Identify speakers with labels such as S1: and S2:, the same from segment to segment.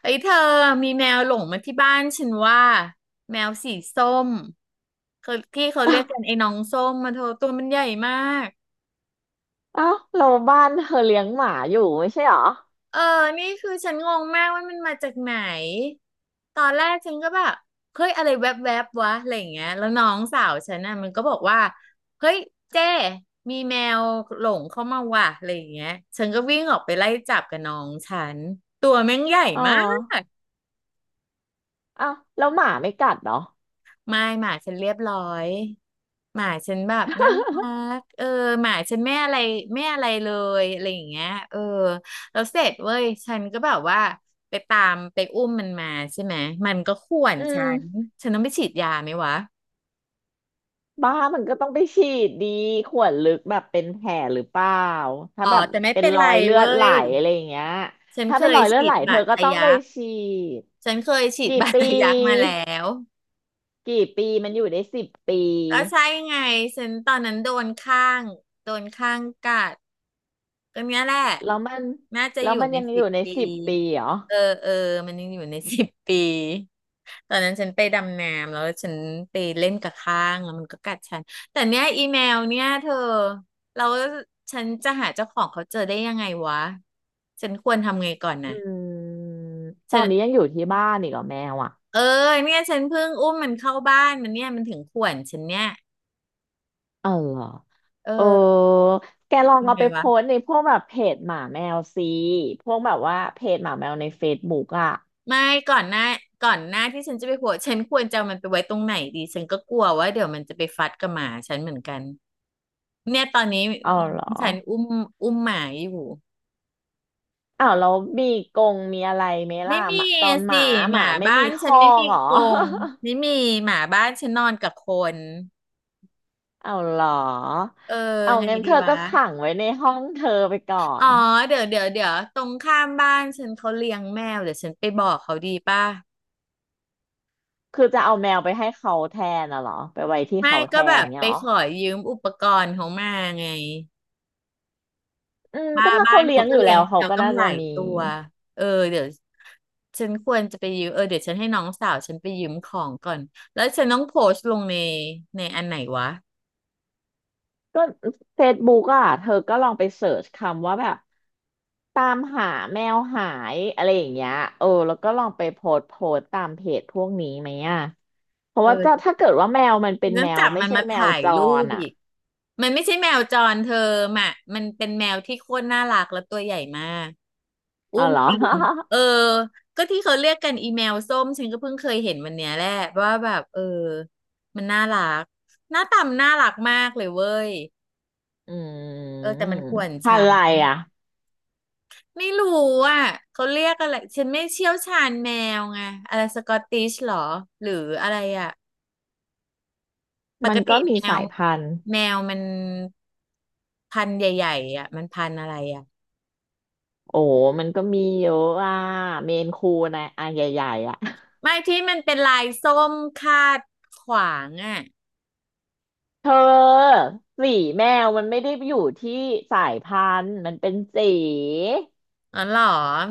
S1: เอ้ยเธอมีแมวหลงมาที่บ้านฉันว่าแมวสีส้มเขาที่เขา
S2: อ้า
S1: เรียก
S2: ว
S1: กันไอ้น้องส้มมาเธอตัวมันใหญ่มาก
S2: อ้าวเราบ้านเธอเลี้ยงหมาอยู่ไม่ใช่เหรอ
S1: เออนี่คือฉันงงมากว่ามันมาจากไหนตอนแรกฉันก็แบบเฮ้ยอะไรแวบๆบวะอะไรอย่างเงี้ยแล้วน้องสาวฉันน่ะมันก็บอกว่าเฮ้ยเจ้มีแมวหลงเข้ามาว่ะอะไรอย่างเงี้ยฉันก็วิ่งออกไปไล่จับกับน้องฉันตัวแม่งใหญ่
S2: อ๋อ
S1: มาก
S2: อ้าวแล้วหมาไม่กัดเหรอ
S1: ไม่หมาฉันเรียบร้อยหมาฉันแบบน่ารั กเออหมาฉันไม่อะไรไม่อะไรเลยอะไรอย่างเงี้ยเออแล้วเสร็จเว้ยฉันก็แบบว่าไปตามไปอุ้มมันมาใช่ไหมมันก็ข่วน
S2: อื
S1: ฉัน
S2: ม
S1: ฉันต้องไปฉีดยาไหมวะ
S2: บ้ามันก็ต้องไปฉีดดีขวดลึกแบบเป็นแผลหรือเปล่าถ้า
S1: อ๋อ
S2: แบบ
S1: แต่ไม่
S2: เป็น
S1: เป็น
S2: ร
S1: ไร
S2: อยเลือ
S1: เว้
S2: ดไหล
S1: ย
S2: อะไรอย่างเงี้ย
S1: ฉัน
S2: ถ้า
S1: เค
S2: เป็นร
S1: ย
S2: อยเลือด
S1: ฉี
S2: ไหล
S1: ด
S2: เธ
S1: บา
S2: อ
S1: ด
S2: ก็
S1: ทะ
S2: ต้องไป
S1: ยัก
S2: ฉีด
S1: ฉันเคยฉีด
S2: กี่
S1: บาด
S2: ปี
S1: ทะยักมาแล้ว
S2: กี่ปีมันอยู่ได้สิบปี
S1: ก็ใช่ไงฉันตอนนั้นโดนข้างกัดก็เนี้ยแหละ
S2: แล้วมัน
S1: น่าจะ
S2: แล้
S1: อ
S2: ว
S1: ยู่
S2: มัน
S1: ใน
S2: ยังอ
S1: สิ
S2: ยู่
S1: บ
S2: ใน
S1: ปี
S2: สิบปีเหรอ
S1: เออเออมันยังอยู่ใน สิบปีตอนนั้นฉันไปดำน้ำแล้วฉันไปเล่นกับข้างแล้วมันก็กัดฉันแต่เนี้ยอีเมลเนี่ยเธอเราฉันจะหาเจ้าของเขาเจอได้ยังไงวะฉันควรทำไงก่อน
S2: อื
S1: นะ
S2: มต
S1: ฉั
S2: อ
S1: น
S2: นนี้ยังอยู่ที่บ้านอีกเหรอแมวอ่ะ
S1: เออเนี่ยฉันเพิ่งมันเข้าบ้านมันเนี่ยมันถึงข่วนฉันเนี่ย
S2: เออเหรอ เออ
S1: เออ
S2: แกลอง
S1: ทำ
S2: เอา
S1: ไง
S2: ไปโพ
S1: วะ
S2: สต์ในพวกแบบเพจหมาแมวสิพวกแบบว่าเพจหมาแมวในเฟซบุ๊กอ่ะ
S1: ไม่ก่อนหน้าก่อนหน้าที่ฉันจะไปหัวฉันควรจะเอามันไปไว้ตรงไหนดีฉันก็กลัวว่าเดี๋ยวมันจะไปฟัดกับหมาฉันเหมือนกันเนี่ยตอนนี้
S2: เอาเหรอ
S1: ฉันอุ้มหมาอยู่
S2: อ้าวแล้วมีกรงมีอะไรไหมล่ะ
S1: ไม่
S2: ห
S1: มี
S2: มาตอนห
S1: สิ
S2: มา
S1: ห
S2: หมา
S1: มา
S2: ไม่
S1: บ้า
S2: มี
S1: น
S2: ค
S1: ฉัน
S2: อ
S1: ไม่
S2: ก
S1: มี
S2: เหรอ
S1: กรงไม่มีหมาบ้านฉันนอนกับคน
S2: เอา เหรอ
S1: เออ
S2: เอา
S1: ไง
S2: งั้น
S1: ดี
S2: เธอ
S1: วะ
S2: ก็ขังไว้ในห้องเธอไปก่อ
S1: อ๋อ
S2: น
S1: เดี๋ยวเดี๋ยวเดี๋ยวตรงข้ามบ้านฉันเขาเลี้ยงแมวเดี๋ยวฉันไปบอกเขาดีป่ะ
S2: คือจะเอาแมวไปให้เขาแทนน่ะเหรอไปไว้ที่
S1: ไม่
S2: เขาแท
S1: ก็แบ
S2: น
S1: บ
S2: เงี้
S1: ไป
S2: ยเหรอ
S1: ขอยืมอุปกรณ์เขามาไง
S2: อืม
S1: มา
S2: ก็ถ้า
S1: บ้า
S2: เขา
S1: น
S2: เลี้ย
S1: เขา
S2: ง
S1: ก็
S2: อยู่
S1: เลี้
S2: แล้
S1: ยง
S2: วเขา
S1: แมว
S2: ก็
S1: ตั้ง
S2: น่า
S1: ห
S2: จะ
S1: ลาย
S2: มี
S1: ตัวเออเดี๋ยวฉันควรจะไปยืมเออเดี๋ยวฉันให้น้องสาวฉันไปยืมของก่อนแล้วฉันต้องโพสต์ลงในในอันไหนวะ
S2: ก็เฟซบุ๊กอ่ะเธอก็ลองไปเสิร์ชคำว่าแบบตามหาแมวหายอะไรอย่างเงี้ยเออแล้วก็ลองไปโพสต์ตามเพจพวกนี้ไหมอ่ะเพราะว่าจะ
S1: เออ
S2: ถ้าเกิดว่าแมวมันเป็
S1: ฉัน
S2: น
S1: ต้อ
S2: แม
S1: ง
S2: ว
S1: จับ
S2: ไม่
S1: มัน
S2: ใช่
S1: มา
S2: แมว
S1: ถ่าย
S2: จ
S1: รู
S2: ร
S1: ป
S2: อ่ะ
S1: อีกมันไม่ใช่แมวจรเธอมะมันเป็นแมวที่โคตรน่ารักและตัวใหญ่มากอุ้
S2: เอา
S1: ม
S2: เหรอ
S1: ตีนเออก็ที่เขาเรียกกันอีแมวส้มฉันก็เพิ่งเคยเห็นวันเนี้ยแหละว่าแบบเออมันน่ารักหน้าตามนน่ารักมากเลยเว้ย
S2: อื
S1: เออ
S2: ม
S1: แต่มันข่วน
S2: พัน
S1: ช้า
S2: ธุ์อะไรอ่ะ
S1: ไม่รู้อ่ะเขาเรียกอะไรฉันไม่เชี่ยวชาญแมวไงอะไรสกอตติชหรอหรืออะไรอ่ะป
S2: มั
S1: ก
S2: น
S1: ติ
S2: ก็มีสายพันธุ์
S1: แมวมันพันธุ์ใหญ่ๆอ่ะมันพันธุ์อะไรอ่ะ
S2: โอ้ มันก็มีเยอะอ่ะเมนคูนะอ่ะใหญ่ๆอ่ะ
S1: ไม่ที่มันเป็นลายส้มคาดขวางอ่ะ
S2: เธอสีแมวมันไม่ได้อยู่ที่สายพันธุ์มันเป็นสี
S1: อ๋อเหรอ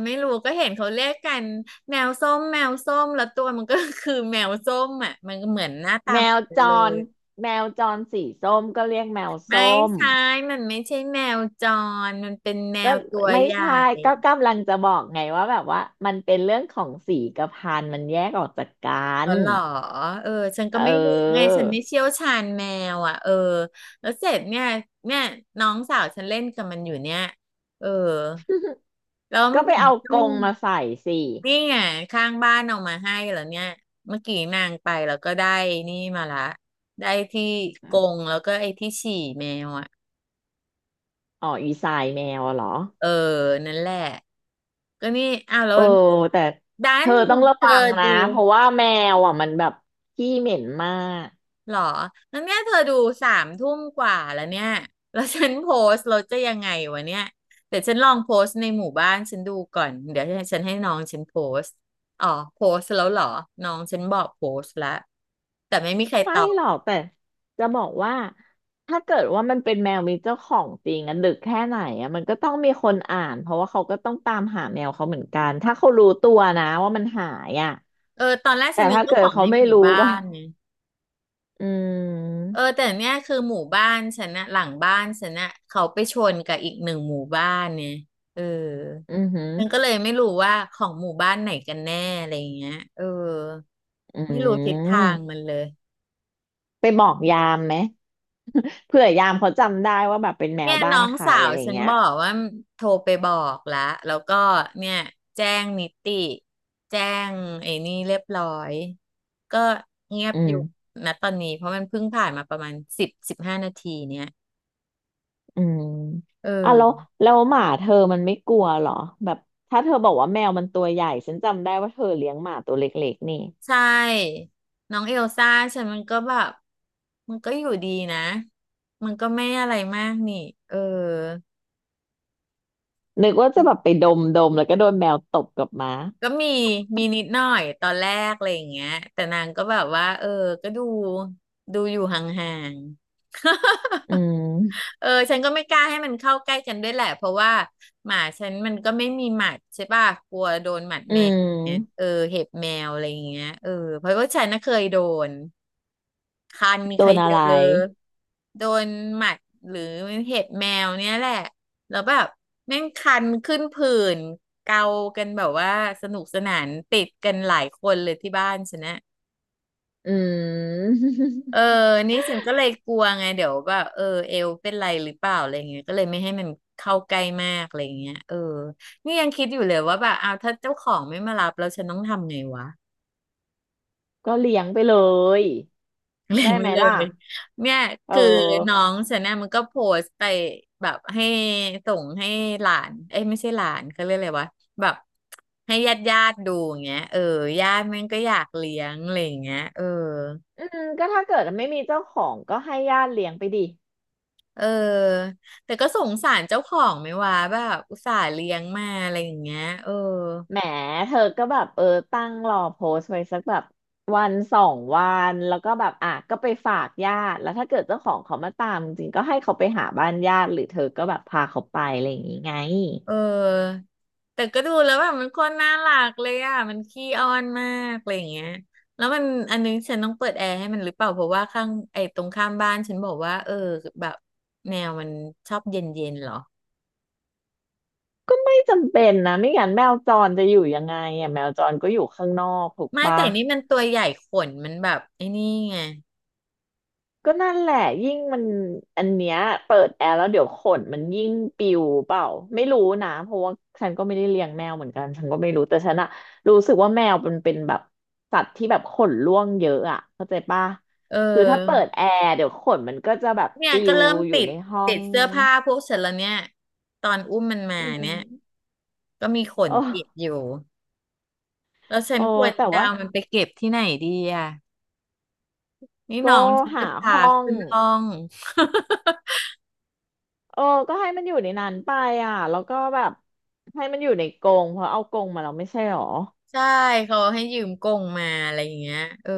S1: ไม่รู้ก็เห็นเขาเรียกกันแมวส้มแมวส้มแล้วตัวมันก็ คือแมวส้มอ่ะมันก็เหมือนหน้าตา
S2: แม
S1: เหมือ
S2: ว
S1: นกั
S2: จ
S1: นเล
S2: ร
S1: ย
S2: แมวจรสีส้มก็เรียกแมวส้
S1: ไม่
S2: ม
S1: ใช่มันไม่ใช่แมวจรมันเป็นแม
S2: ก็
S1: วตัว
S2: ไม่
S1: ใหญ่
S2: ใช่ก็กำลังจะบอกไงว่าแบบว่ามันเป็นเรื่องของสีกับพันธุ์มันแยกออกจากกั
S1: อ๋อ
S2: น
S1: เหรอเออฉันก็
S2: เ
S1: ไม่รู้ไง
S2: ออ
S1: ฉันไม่เชี่ยวชาญแมวอ่ะเออแล้วเสร็จเนี่ยน้องสาวฉันเล่นกับมันอยู่เนี่ยเออแล้ว
S2: ก็
S1: เมื่อ
S2: ไป
S1: กี้
S2: เอา
S1: อื
S2: กร
S1: ม
S2: งมาใส่สิ
S1: นี่ไงข้างบ้านเอามาให้แล้วเนี่ยเมื่อกี้นางไปแล้วก็ได้นี่มาละได้ที่กรงแล้วก็ไอ้ที่ฉี่แมวอ่ะ
S2: อ๋ออีสายแมวอะเหรอ
S1: เออนั่นแหละก็นี่อ้าวแล้ว
S2: เออแต่
S1: ดั
S2: เธ
S1: น
S2: อต้องระ
S1: เธ
S2: วั
S1: อ
S2: งนะ
S1: ดู
S2: เพราะว่าแมวอ่ะมันแบบขี้เหม็นมาก
S1: หรอแล้วเนี่ยเธอดูสามทุ่มกว่าแล้วเนี่ยแล้วฉันโพสต์เราจะยังไงวะเนี่ยแต่ฉันลองโพสต์ในหมู่บ้านฉันดูก่อนเดี๋ยวฉันให้น้องฉันโพสต์อ๋อโพสต์แล้วเหรอน้องฉันบอกโพสต์แล้วแต่ไม่มีใครต
S2: ไม่
S1: อบ
S2: หรอกแต่จะบอกว่าถ้าเกิดว่ามันเป็นแมวมีเจ้าของจริงอะดึกแค่ไหนอะมันก็ต้องมีคนอ่านเพราะว่าเขาก็ต้องตามหาแมวเขาเหมือนกันถ้าเขารู้ตัวนะว่ามันหายอะ
S1: เออตอนแรกฉั
S2: แต่
S1: นนึก
S2: ถ้า
S1: ว่า
S2: เกิ
S1: ข
S2: ด
S1: อง
S2: เขา
S1: ใน
S2: ไม่
S1: หมู่
S2: รู้
S1: บ้า
S2: ก็
S1: นนะ
S2: อื
S1: เอ
S2: ม
S1: อแต่เนี่ยคือหมู่บ้านฉันนะหลังบ้านฉันนะเขาไปชนกับอีกหนึ่งหมู่บ้านเนี่ยเออ
S2: อือหือ
S1: มันก็เลยไม่รู้ว่าของหมู่บ้านไหนกันแน่อะไรอย่างเงี้ยเออ
S2: อื
S1: ไม่รู้ทิศทาง
S2: ม
S1: มันเลย
S2: ไปบอกยามไหมเผื่อยามเขาจำได้ว่าแบบเป็นแม
S1: เนี่
S2: ว
S1: ย
S2: บ้า
S1: น้
S2: น
S1: อง
S2: ใคร
S1: สาว
S2: อะไร
S1: ฉัน
S2: เงี้ย
S1: บอกว่าโทรไปบอกแล้วแล้วก็เนี่ยแจ้งนิติแจ้งไอ้นี่เรียบร้อยก็เงียบ
S2: อื
S1: อยู่
S2: ม
S1: นะตอนนี้เพราะมันเพิ่งผ่านมาประมาณ10-15 นาทีเนี่ย
S2: อืม
S1: เอ
S2: อ่ะ
S1: อ
S2: แล้วหมาเธอมันไม่กลัวเหรอแบบถ้าเธอบอกว่าแมวมันตัวใหญ่ฉันจำได้ว่าเธอเลี้ยงหมาตัวเล็กๆนี่
S1: ใช่น้องเอลซ่าฉันมันก็แบบมันก็อยู่ดีนะมันก็ไม่อะไรมากนี่เออ
S2: นึกว่าจะแบบไปดมดมแล้วก็โดนแมวตบกลับมา
S1: ก็มีนิดหน่อยตอนแรกอะไรอย่างเงี้ยแต่นางก็แบบว่าเออก็ดูอยู่ห่างๆ
S2: อืม
S1: เออฉันก็ไม่กล้าให้มันเข้าใกล้กันด้วยแหละเพราะว่าหมาฉันมันก็ไม่มีหมัดใช่ป่ะกลัวโดนหมัด
S2: อื
S1: แมวเอ
S2: ม
S1: อเห็บแมวอะไรอย่างเงี้ยเออเพราะว่าฉันน่ะเคยโดน คันมี
S2: โด
S1: ใคร
S2: นอะ
S1: เยอ
S2: ไร
S1: ะโดนหมัดหรือเห็บแมวเนี่ยแหละแล้วแบบแม่งคันขึ้นผื่นเกากันแบบว่าสนุกสนานติดกันหลายคนเลยที่บ้านฉันนะ
S2: อืม
S1: เออนี่ฉันก็เลยกลัวไงเดี๋ยวแบบเอวเป็นไรหรือเปล่าอะไรเงี้ยก็เลยไม่ให้มันเข้าใกล้มากอะไรเงี้ยนี่ยังคิดอยู่เลยว่าแบบเอาถ้าเจ้าของไม่มารับแล้วฉันต้องทำไงวะ
S2: ก็เลี้ยงไปเลย
S1: เล็
S2: ได้
S1: งไว้
S2: ไหม
S1: เลย
S2: ล่ะ
S1: เนี่ย
S2: เ
S1: คือน้อ
S2: ออ
S1: งฉันเนี่ยมันก็โพสต์ไปแบบให้ส่งให้หลานเอ้ยไม่ใช่หลานเขาเรียกอะไรวะแบบให้ญาติดูอย่างเงี้ยญาติแม่งก็อยากเลี้ยงอะไรอย่างเงี้ย
S2: อืมก็ถ้าเกิดไม่มีเจ้าของก็ให้ญาติเลี้ยงไปดิ
S1: เออแต่ก็สงสารเจ้าของไหมวะแบบอุตส่าห์เลี้ยงมาอะไรอย่างเงี้ย
S2: แหมเธอก็แบบเออตั้งรอโพสต์ไว้สักแบบวันสองวันแล้วก็แบบอ่ะก็ไปฝากญาติแล้วถ้าเกิดเจ้าของเขามาตามจริงๆก็ให้เขาไปหาบ้านญาติหรือเธอก็แบบพาเขาไปอะไรอย่างงี้ไง
S1: เออแต่ก็ดูแล้วแบบมันโคนน่ารักเลยอ่ะมันขี้อ้อนมากอะไรอย่างเงี้ยแล้วมันอันนึงฉันต้องเปิดแอร์ให้มันหรือเปล่าเพราะว่าข้างไอ้ตรงข้ามบ้านฉันบอกว่าแบบแมวมันชอบเย็นๆเหรอ
S2: ก็ไม่จำเป็นนะไม่งั้นแมวจรจะอยู่ยังไงอ่ะแมวจรก็อยู่ข้างนอกถูก
S1: ไม่
S2: ปะ
S1: แต่นี่มันตัวใหญ่ขนมันแบบไอ้นี่ไง
S2: ก็นั่นแหละยิ่งมันอันเนี้ยเปิดแอร์แล้วเดี๋ยวขนมันยิ่งปิวเปล่าไม่รู้นะเพราะว่าฉันก็ไม่ได้เลี้ยงแมวเหมือนกันฉันก็ไม่รู้แต่ฉันอะรู้สึกว่าแมวมันเป็นแบบสัตว์ที่แบบขนร่วงเยอะอะเข้าใจปะ
S1: เอ
S2: คือถ้าเปิ
S1: อ
S2: ดแอร์เดี๋ยวขนมันก็จะแบบ
S1: เนี่ย
S2: ปิ
S1: ก็
S2: ว
S1: เริ่ม
S2: อยู่
S1: ติด
S2: ในห้อ
S1: ติด
S2: ง
S1: เสื้อผ้าพวกฉันแล้วเนี่ยตอนอุ้มมันมา
S2: อื
S1: เนี่ย
S2: ม
S1: ก็มีข
S2: โ
S1: นติด
S2: อ้
S1: อยู่แล้วฉัน
S2: โอ้
S1: ควร
S2: แต่
S1: จะ
S2: ว่า
S1: เอามันไปเก็บที่ไหนดีอ่ะ นี่น้อ
S2: ก็
S1: งฉันจะ
S2: หา
S1: พา
S2: ห้อง
S1: ขึ้นห้อง
S2: เออก็ให้มันอยู่ในนั้นไปอ่ะแล้วก็แบบให้มันอยู่ในกรงเพราะเอากรงมาเราไม่ใช่หรอ
S1: ใช่เขาให้ยืมกงมาอะไรอย่างเงี้ย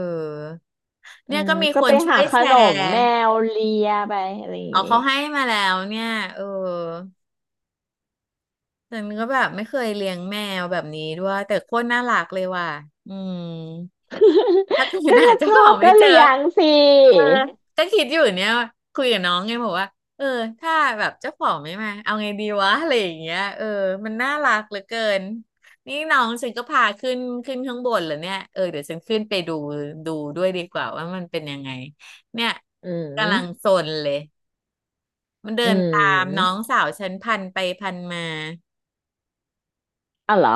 S2: อื
S1: เนี่ย
S2: ม
S1: ก็มี
S2: ก็
S1: คน
S2: ไป
S1: ช่ว
S2: หา
S1: ย
S2: ข
S1: แช
S2: นม
S1: ร์
S2: แมวเลียไปอะไรอย่าง
S1: เอา
S2: นี้
S1: เขาให้มาแล้วเนี่ยเออ ฉันก็แบบไม่เคยเลี้ยงแมวแบบนี้ด้วยแต่โคตรน่ารักเลยว่ะอืมถ้าเกิด
S2: ก็
S1: หา
S2: ถ้าช
S1: เจ้า
S2: อ
S1: ของ
S2: บ
S1: ไม่
S2: ก็
S1: เจอ
S2: เลี้ยงสิ
S1: เออก็คิดอยู่เนี่ยคุยกับน้องไงบอกว่าเออถ้าแบบเจ้าของไม่มาเอาไงดีวะอะไรอย่างเงี้ยมันน่ารักเหลือเกินนี่น้องฉันก็พาขึ้นข้างบนเหรอเนี่ยเดี๋ยวฉันขึ้นไปดูดูด้วยดีกว่าว่ามันเป็นยังไงเนี่ย
S2: อื
S1: กำลัง
S2: ม
S1: ซนเลยมันเดิ
S2: อื
S1: นตามน้อง
S2: ม
S1: สาวฉันพันไปพันมา
S2: อ๋อเหรอ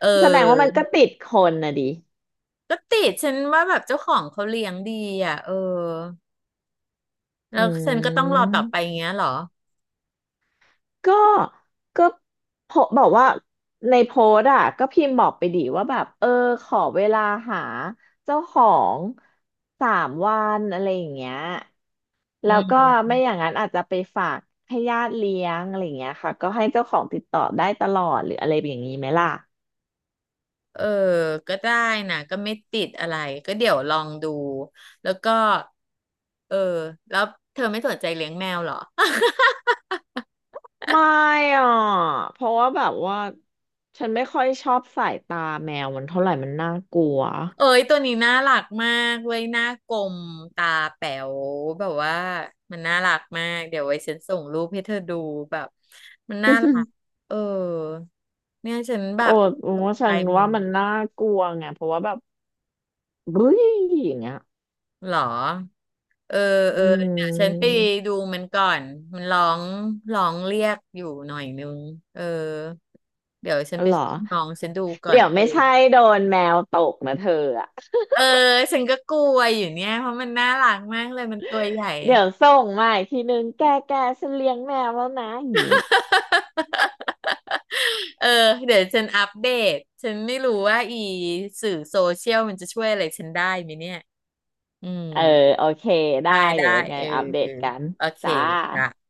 S1: เอ
S2: แสดงว่ามันก็
S1: อ
S2: ติดคนนะดิ
S1: ก็ติดฉันว่าแบบเจ้าของเขาเลี้ยงดีอ่ะแล้
S2: อื
S1: วฉันก็ต้องรอต่
S2: ม
S1: อไปอย่างเงี้ยเหรอ
S2: ก็ก็โพบอกว่าในโพสต์อ่ะก็พิมพ์บอกไปดิว่าแบบเออขอเวลาหาเจ้าของ3 วันอะไรอย่างเงี้ย
S1: อื
S2: แล้วก็
S1: ม
S2: ไม่อย่างนั้นอาจจะไปฝากให้ญาติเลี้ยงอะไรอย่างเงี้ยค่ะก็ให้เจ้าของติดต่อได้ตลอดหรืออะไรอย่างนี้ไหมล่ะ
S1: เออก็ได้นะก็ไม่ติดอะไรก็เดี๋ยวลองดูแล้วก็เออแล้วเธอไม่สนใจเลี้ยงแมวเหรอ
S2: ไม่อ่ะเพราะว่าแบบว่าฉันไม่ค่อยชอบสายตาแมวมันเท่าไหร่มันน่ากลัว
S1: เอ้ยตัวนี้น่ารักมากเว้ยหน้ากลมตาแป๋วแบบว่ามันน่ารักมากเดี๋ยวไว้ฉันส่งรูปให้เธอดูแบบมันน่ารัก เออเนี่ยฉันแบ
S2: โอ้
S1: บ
S2: ผ
S1: ต
S2: ม
S1: ก
S2: ว่าฉั
S1: ใจ
S2: น
S1: มึ
S2: ว่า
S1: ง
S2: มันน่ากลัวไงเพราะว่าแบบบึ้ยอย่างเงี้ย
S1: เหรอ เออเอ
S2: อื
S1: อเดี๋ยวฉันไป
S2: ม
S1: ดูมันก่อนมันร้องเรียกอยู่หน่อยนึงเออเดี๋ยวฉันไป
S2: เหรอ
S1: ช่วยน้องฉันดูก่อน
S2: เดี๋ยวไม่ใช่โดนแมวตกนะเธออะ
S1: เออฉันก็กลัวอยู่เนี่ยเพราะมันน่ารักมากเลยมันตัวใหญ่
S2: เดี๋ยวส่งมาอีกทีนึงแกแกฉันเลี้ยงแมวแล้วนะอย่างงี้
S1: เออเดี๋ยวฉันอัปเดตฉันไม่รู้ว่าอีสื่อโซเชียลมันจะช่วยอะไรฉันได้ไหมเนี่ยอืม
S2: เออโอเคได้
S1: ได้
S2: เดี๋
S1: ได้
S2: ยวยังไง
S1: เออ
S2: อัปเด
S1: เออ
S2: ตกัน
S1: โอเค
S2: จ้า
S1: จ้ะ